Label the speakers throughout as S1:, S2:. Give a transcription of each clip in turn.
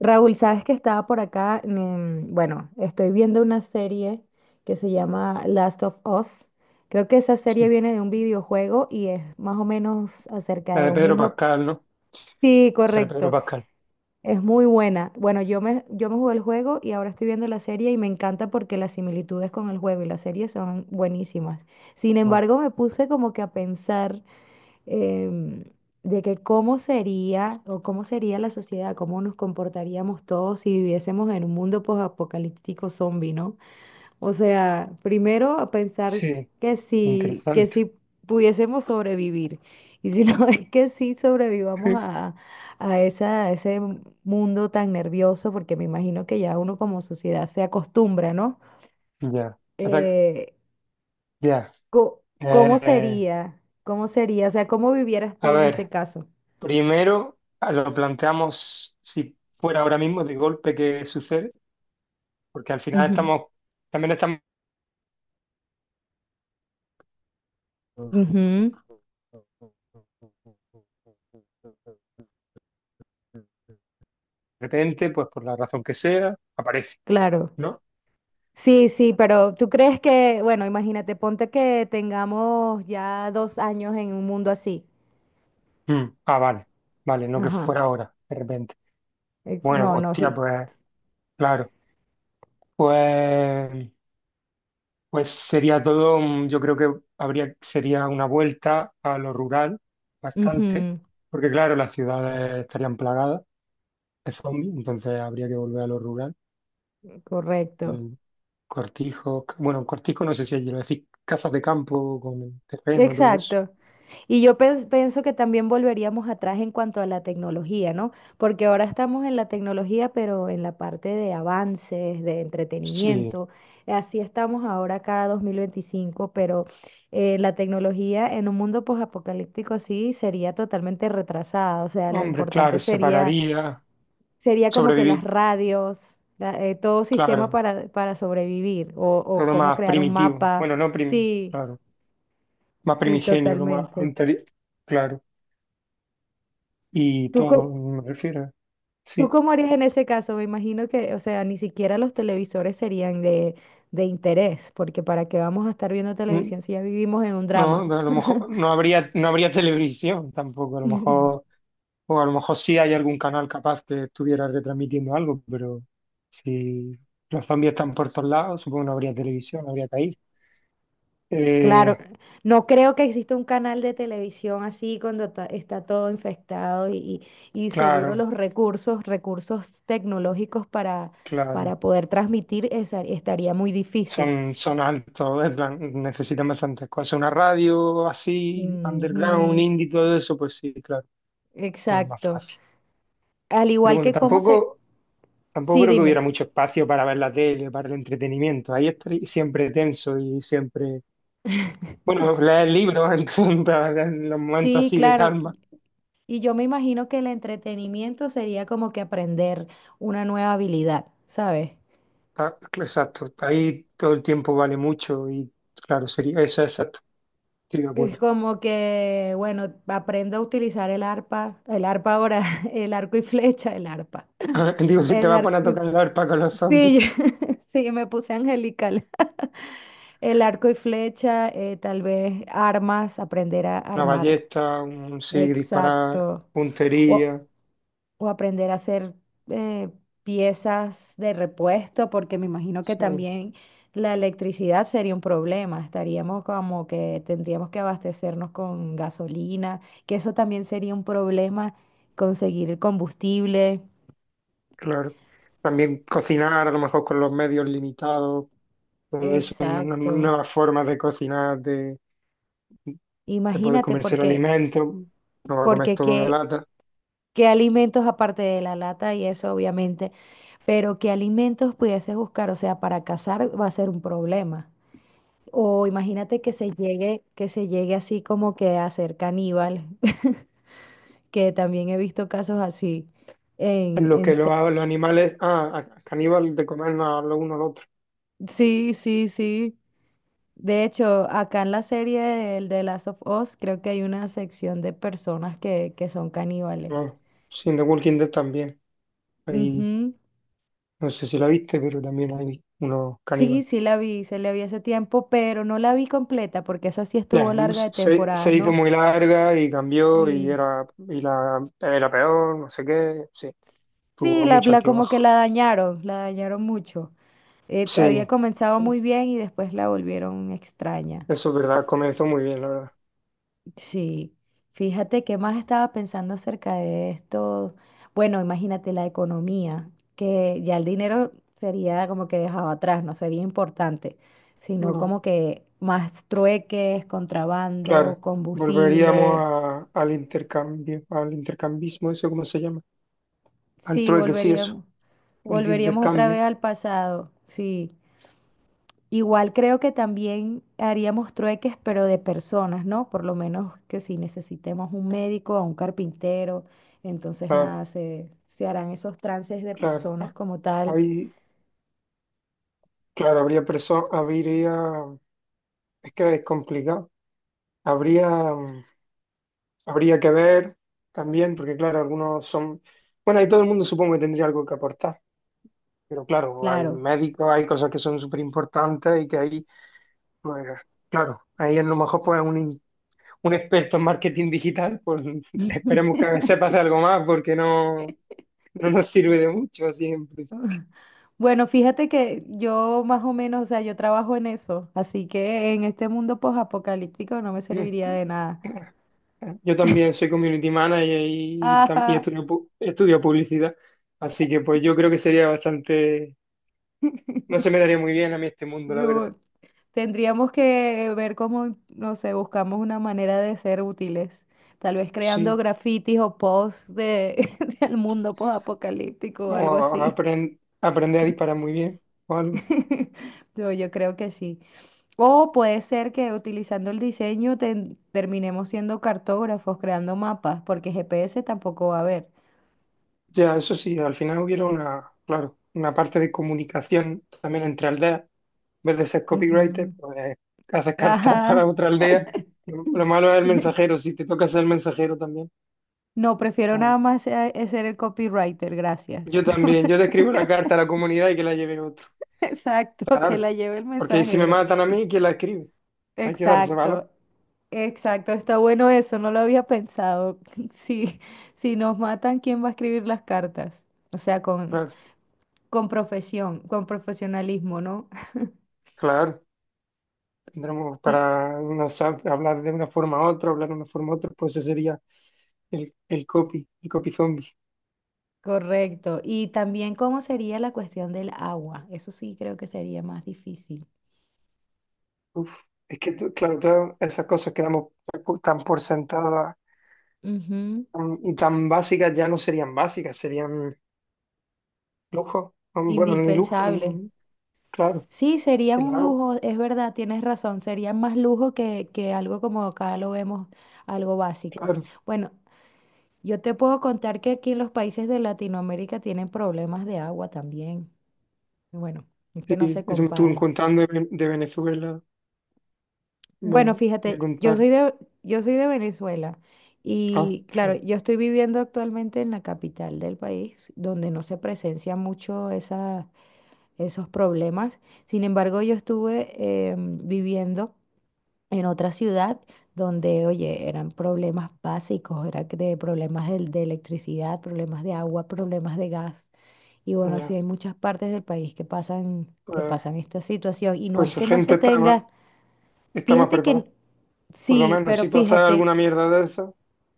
S1: Raúl, sabes que estaba por acá, bueno, estoy viendo una serie que se llama Last of Us. Creo que esa serie
S2: Sí,
S1: viene de un videojuego y es más o menos acerca
S2: la
S1: de
S2: de
S1: un
S2: Pedro
S1: mundo.
S2: Pascal, ¿no?
S1: Sí,
S2: Sale Pedro
S1: correcto.
S2: Pascal.
S1: Es muy buena. Bueno, yo me jugué el juego y ahora estoy viendo la serie y me encanta porque las similitudes con el juego y la serie son buenísimas. Sin
S2: Ah,
S1: embargo, me puse como que a pensar em, de que cómo sería o cómo sería la sociedad, cómo nos comportaríamos todos si viviésemos en un mundo posapocalíptico zombie, ¿no? O sea, primero a pensar
S2: sí,
S1: que si, que
S2: interesante.
S1: si pudiésemos sobrevivir y si no es que sí sobrevivamos a esa, a ese mundo tan nervioso, porque me imagino que ya uno como sociedad se acostumbra, ¿no?
S2: Ya. Ahora-
S1: Eh,
S2: ya.
S1: co- ¿Cómo
S2: Eh,
S1: sería? ¿Cómo sería? O sea, ¿cómo vivieras
S2: a
S1: tú en este
S2: ver,
S1: caso?
S2: primero lo planteamos si fuera ahora mismo de golpe que sucede, porque al final
S1: Ujú.
S2: estamos, también estamos de
S1: Ujú,
S2: repente, pues por la razón que sea, aparece,
S1: claro.
S2: ¿no?
S1: Sí, sí, pero tú crees que, bueno, imagínate, ponte que tengamos ya 2 años en un mundo así.
S2: Vale, vale, no que
S1: Ajá.
S2: fuera ahora, de repente. Bueno,
S1: No, no,
S2: hostia,
S1: sí.
S2: pues claro. Pues, pues sería todo, yo creo que sería una vuelta a lo rural bastante,
S1: Ujú,
S2: porque claro, las ciudades estarían plagadas de zombies, entonces habría que volver a lo rural.
S1: correcto.
S2: Mm, Cortijos, bueno, cortijo no sé si allí lo decís, casas de campo con terreno, todo eso.
S1: Exacto. Y yo pienso que también volveríamos atrás en cuanto a la tecnología, ¿no? Porque ahora estamos en la tecnología, pero en la parte de avances, de
S2: Sí,
S1: entretenimiento. Así estamos ahora cada 2025, pero la tecnología en un mundo posapocalíptico sí sería totalmente retrasada. O sea, lo
S2: hombre, claro,
S1: importante sería,
S2: separaría,
S1: sería como que las
S2: sobrevivir,
S1: radios, todo sistema
S2: claro,
S1: para sobrevivir o
S2: todo
S1: cómo
S2: más
S1: crear un
S2: primitivo,
S1: mapa.
S2: bueno, no prim,
S1: Sí,
S2: claro, más
S1: sí,
S2: primigenio,
S1: totalmente.
S2: claro, y
S1: ¿Tú,
S2: todo,
S1: co-
S2: me refiero.
S1: ¿Tú
S2: Sí.
S1: cómo harías en ese caso? Me imagino que, o sea, ni siquiera los televisores serían de interés, porque ¿para qué vamos a estar viendo
S2: Mm,
S1: televisión si ya vivimos en un
S2: no,
S1: drama?
S2: no, a lo mejor no habría, no habría televisión tampoco, a lo mejor, o a lo mejor sí hay algún canal capaz que estuviera retransmitiendo algo, pero si los zombies están por todos lados, supongo que no habría televisión, no habría país.
S1: Claro,
S2: Eh,
S1: no creo que exista un canal de televisión así cuando está todo infectado y, y seguro
S2: claro,
S1: recursos tecnológicos para
S2: claro.
S1: poder transmitir estaría muy difícil.
S2: Son altos, en plan, necesitan bastantes cosas. Una radio así, underground, un
S1: Ujú,
S2: indie, todo eso, pues sí, claro, pues más
S1: exacto.
S2: fácil.
S1: Al
S2: Pero
S1: igual
S2: bueno,
S1: que cómo se...
S2: tampoco. Tampoco
S1: Sí,
S2: creo que hubiera
S1: dime.
S2: mucho espacio para ver la tele, para el entretenimiento. Ahí estaría siempre tenso y siempre, bueno, leer libros en, en los momentos
S1: Sí,
S2: así de
S1: claro.
S2: calma.
S1: Y yo me imagino que el entretenimiento sería como que aprender una nueva habilidad, ¿sabes?
S2: Ah, exacto, ahí todo el tiempo vale mucho y claro, sería eso, exacto, estoy de
S1: Es
S2: acuerdo.
S1: como que, bueno, aprendo a utilizar el arpa ahora, el arco y flecha, el arpa.
S2: Ah, digo, si te
S1: El
S2: vas a poner a
S1: arco y...
S2: tocar la arpa con los
S1: Sí,
S2: zombies,
S1: sí, me puse angelical. El arco y flecha, tal vez armas, aprender a
S2: una
S1: armar.
S2: ballesta, un sí, disparar,
S1: Exacto. O-
S2: puntería,
S1: o aprender a hacer eh, piezas de repuesto, porque me imagino que
S2: sí.
S1: también la electricidad sería un problema. Estaríamos como que tendríamos que abastecernos con gasolina, que eso también sería un problema conseguir el combustible.
S2: Claro. También cocinar a lo mejor con los medios limitados, todo eso,
S1: Exacto.
S2: nuevas formas de cocinar, de poder
S1: Imagínate,
S2: comerse el
S1: porque,
S2: alimento, no va a comer
S1: porque
S2: todo de
S1: qué,
S2: lata.
S1: qué alimentos aparte de la lata y eso, obviamente, pero qué alimentos pudieses buscar, o sea, para cazar va a ser un problema. O imagínate que se llegue así como que a ser caníbal, que también he visto casos así en,
S2: En lo que los animales, ah, caníbal de comer a lo uno al otro.
S1: sí, sí, sí. De hecho, acá en la serie del de Last of Us, creo que hay una sección de personas que son caníbales.
S2: No, sí, en The Walking Dead también. Ahí
S1: Ujú.
S2: no sé si la viste, pero también hay unos
S1: Sí,
S2: caníbales.
S1: sí la vi, se la vi hace tiempo, pero no la vi completa porque esa sí estuvo
S2: Ya,
S1: larga de
S2: se
S1: temporadas,
S2: hizo
S1: ¿no?
S2: muy larga y cambió y
S1: Sí.
S2: era, era peor, no sé qué. Sí,
S1: Sí,
S2: tuvo mucho
S1: la como que
S2: altibajo.
S1: la dañaron mucho. Había
S2: Sí,
S1: comenzado muy bien y después la volvieron extraña.
S2: eso es verdad, comenzó muy bien, la verdad.
S1: Sí, fíjate que más estaba pensando acerca de esto. Bueno, imagínate la economía, que ya el dinero sería como que dejado atrás, no sería importante, sino
S2: No,
S1: como que más trueques, contrabando,
S2: claro, volveríamos
S1: combustible.
S2: al intercambio, al intercambismo, eso cómo se llama, al
S1: Sí,
S2: trueque, sí, eso,
S1: volveríamos,
S2: el de
S1: volveríamos otra vez
S2: intercambio.
S1: al pasado, sí. Igual creo que también haríamos trueques, pero de personas, ¿no? Por lo menos que si necesitemos un médico o un carpintero, entonces nada,
S2: Claro,
S1: se harán esos trances de
S2: claro,
S1: personas como tal,
S2: ahí, claro, habría personas, habría, es que es complicado, habría, mm, habría que ver también, porque claro, algunos son, bueno, y todo el mundo supongo que tendría algo que aportar, pero claro, hay
S1: claro.
S2: médicos, hay cosas que son súper importantes y que ahí. Pues claro, ahí a lo mejor pues un experto en marketing digital, pues esperemos que se pase algo más porque no, no nos sirve de mucho siempre.
S1: Bueno, fíjate que yo más o menos, o sea, yo trabajo en eso, así que en este mundo posapocalíptico no me serviría de nada.
S2: Yo también soy community manager y, y
S1: Ajá,
S2: estudio, estudio publicidad, así que pues yo creo que sería bastante, no se me daría muy bien a mí este mundo, la verdad.
S1: no, tendríamos que ver cómo, no sé, buscamos una manera de ser útiles. Tal vez creando
S2: Sí,
S1: grafitis o posts de, del mundo post-apocalíptico o
S2: o
S1: algo así.
S2: aprender a disparar muy bien o algo.
S1: Yo creo que sí. O puede ser que utilizando el diseño terminemos siendo cartógrafos, creando mapas, porque GPS tampoco va a haber.
S2: Ya, eso sí, al final hubiera una, claro, una parte de comunicación también entre aldeas en vez de ser copywriter,
S1: Ujú.
S2: pues haces cartas para
S1: Ajá.
S2: otra aldea. Lo malo es el mensajero, si te toca ser el mensajero también.
S1: No, prefiero
S2: Bueno,
S1: nada más ser el copywriter, gracias.
S2: yo también, yo te escribo la carta a la comunidad y que la lleve otro.
S1: Exacto, que
S2: Claro,
S1: la lleve el
S2: porque si me
S1: mensajero.
S2: matan a mí, ¿quién la escribe? Hay que darse
S1: Exacto,
S2: valor.
S1: exacto, está bueno eso, no lo había pensado. Si, si nos matan, ¿quién va a escribir las cartas? O sea,
S2: Claro,
S1: con profesión, con profesionalismo, ¿no?
S2: claro. Tendremos
S1: Sí,
S2: para no sab- hablar de una forma a otra, hablar de una forma a otra, pues ese sería el copy zombie.
S1: correcto. Y también cómo sería la cuestión del agua. Eso sí creo que sería más difícil.
S2: Uf, es que, claro, todas esas cosas que damos tan por sentadas
S1: Ujú,
S2: y tan básicas ya no serían básicas, serían lujo, bueno, ni lujo,
S1: indispensable.
S2: claro,
S1: Sí, sería
S2: el
S1: un
S2: agua,
S1: lujo, es verdad, tienes razón, sería más lujo que algo como acá lo vemos, algo básico.
S2: claro.
S1: Bueno, yo te puedo contar que aquí en los países de Latinoamérica tienen problemas de agua también. Y bueno, es que no se
S2: Sí, eso me estuvo
S1: compara.
S2: contando de, de Venezuela,
S1: Bueno,
S2: me
S1: fíjate,
S2: contaron.
S1: yo soy de Venezuela
S2: Ah,
S1: y claro,
S2: fíjate,
S1: yo estoy viviendo actualmente en la capital del país, donde no se presencian mucho esos problemas. Sin embargo, yo estuve viviendo en otra ciudad donde, oye, eran problemas básicos, era que de problemas de electricidad, problemas de agua, problemas de gas. Y bueno, así
S2: ya,
S1: hay muchas partes del país que
S2: pues,
S1: pasan esta situación. Y no
S2: pues
S1: es
S2: esa
S1: que no
S2: gente
S1: se tenga,
S2: está más
S1: fíjate
S2: preparada.
S1: que
S2: Por lo
S1: sí,
S2: menos,
S1: pero
S2: si pasa
S1: fíjate,
S2: alguna mierda de esa,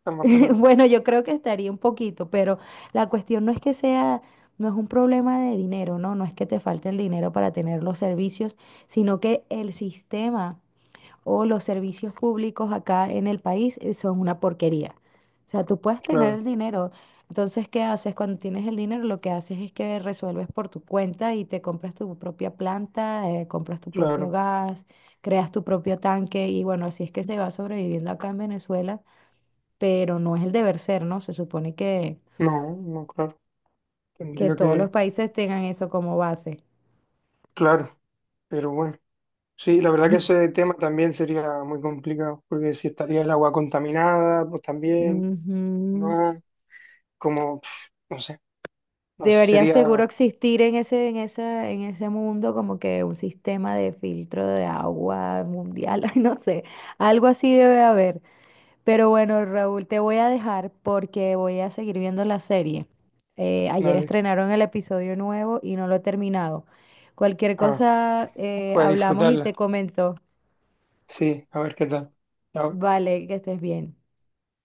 S2: está más preparada.
S1: bueno, yo creo que estaría un poquito, pero la cuestión no es que sea, no es un problema de dinero, ¿no? No es que te falte el dinero para tener los servicios, sino que el sistema o los servicios públicos acá en el país son una porquería. O sea, tú puedes tener
S2: Claro,
S1: el dinero. Entonces, ¿qué haces? Cuando tienes el dinero, lo que haces es que resuelves por tu cuenta y te compras tu propia planta, compras tu propio
S2: claro.
S1: gas, creas tu propio tanque y bueno, así es que se va sobreviviendo acá en Venezuela, pero no es el deber ser, ¿no? Se supone
S2: No, no, claro.
S1: que
S2: Tendría
S1: todos los
S2: que,
S1: países tengan eso como base.
S2: claro, pero bueno. Sí, la verdad que ese tema también sería muy complicado, porque si estaría el agua contaminada, pues también,
S1: Ujú.
S2: no, como, pf, no sé, no
S1: Debería
S2: sería.
S1: seguro existir en ese, en esa, en ese mundo como que un sistema de filtro de agua mundial, ay, no sé, algo así debe haber. Pero bueno, Raúl, te voy a dejar porque voy a seguir viendo la serie. Ayer
S2: Dale.
S1: estrenaron el episodio nuevo y no lo he terminado. Cualquier
S2: Ah,
S1: cosa,
S2: voy a
S1: hablamos y te
S2: disfrutarla.
S1: comento.
S2: Sí, a ver qué tal. Chao.
S1: Vale, que estés bien.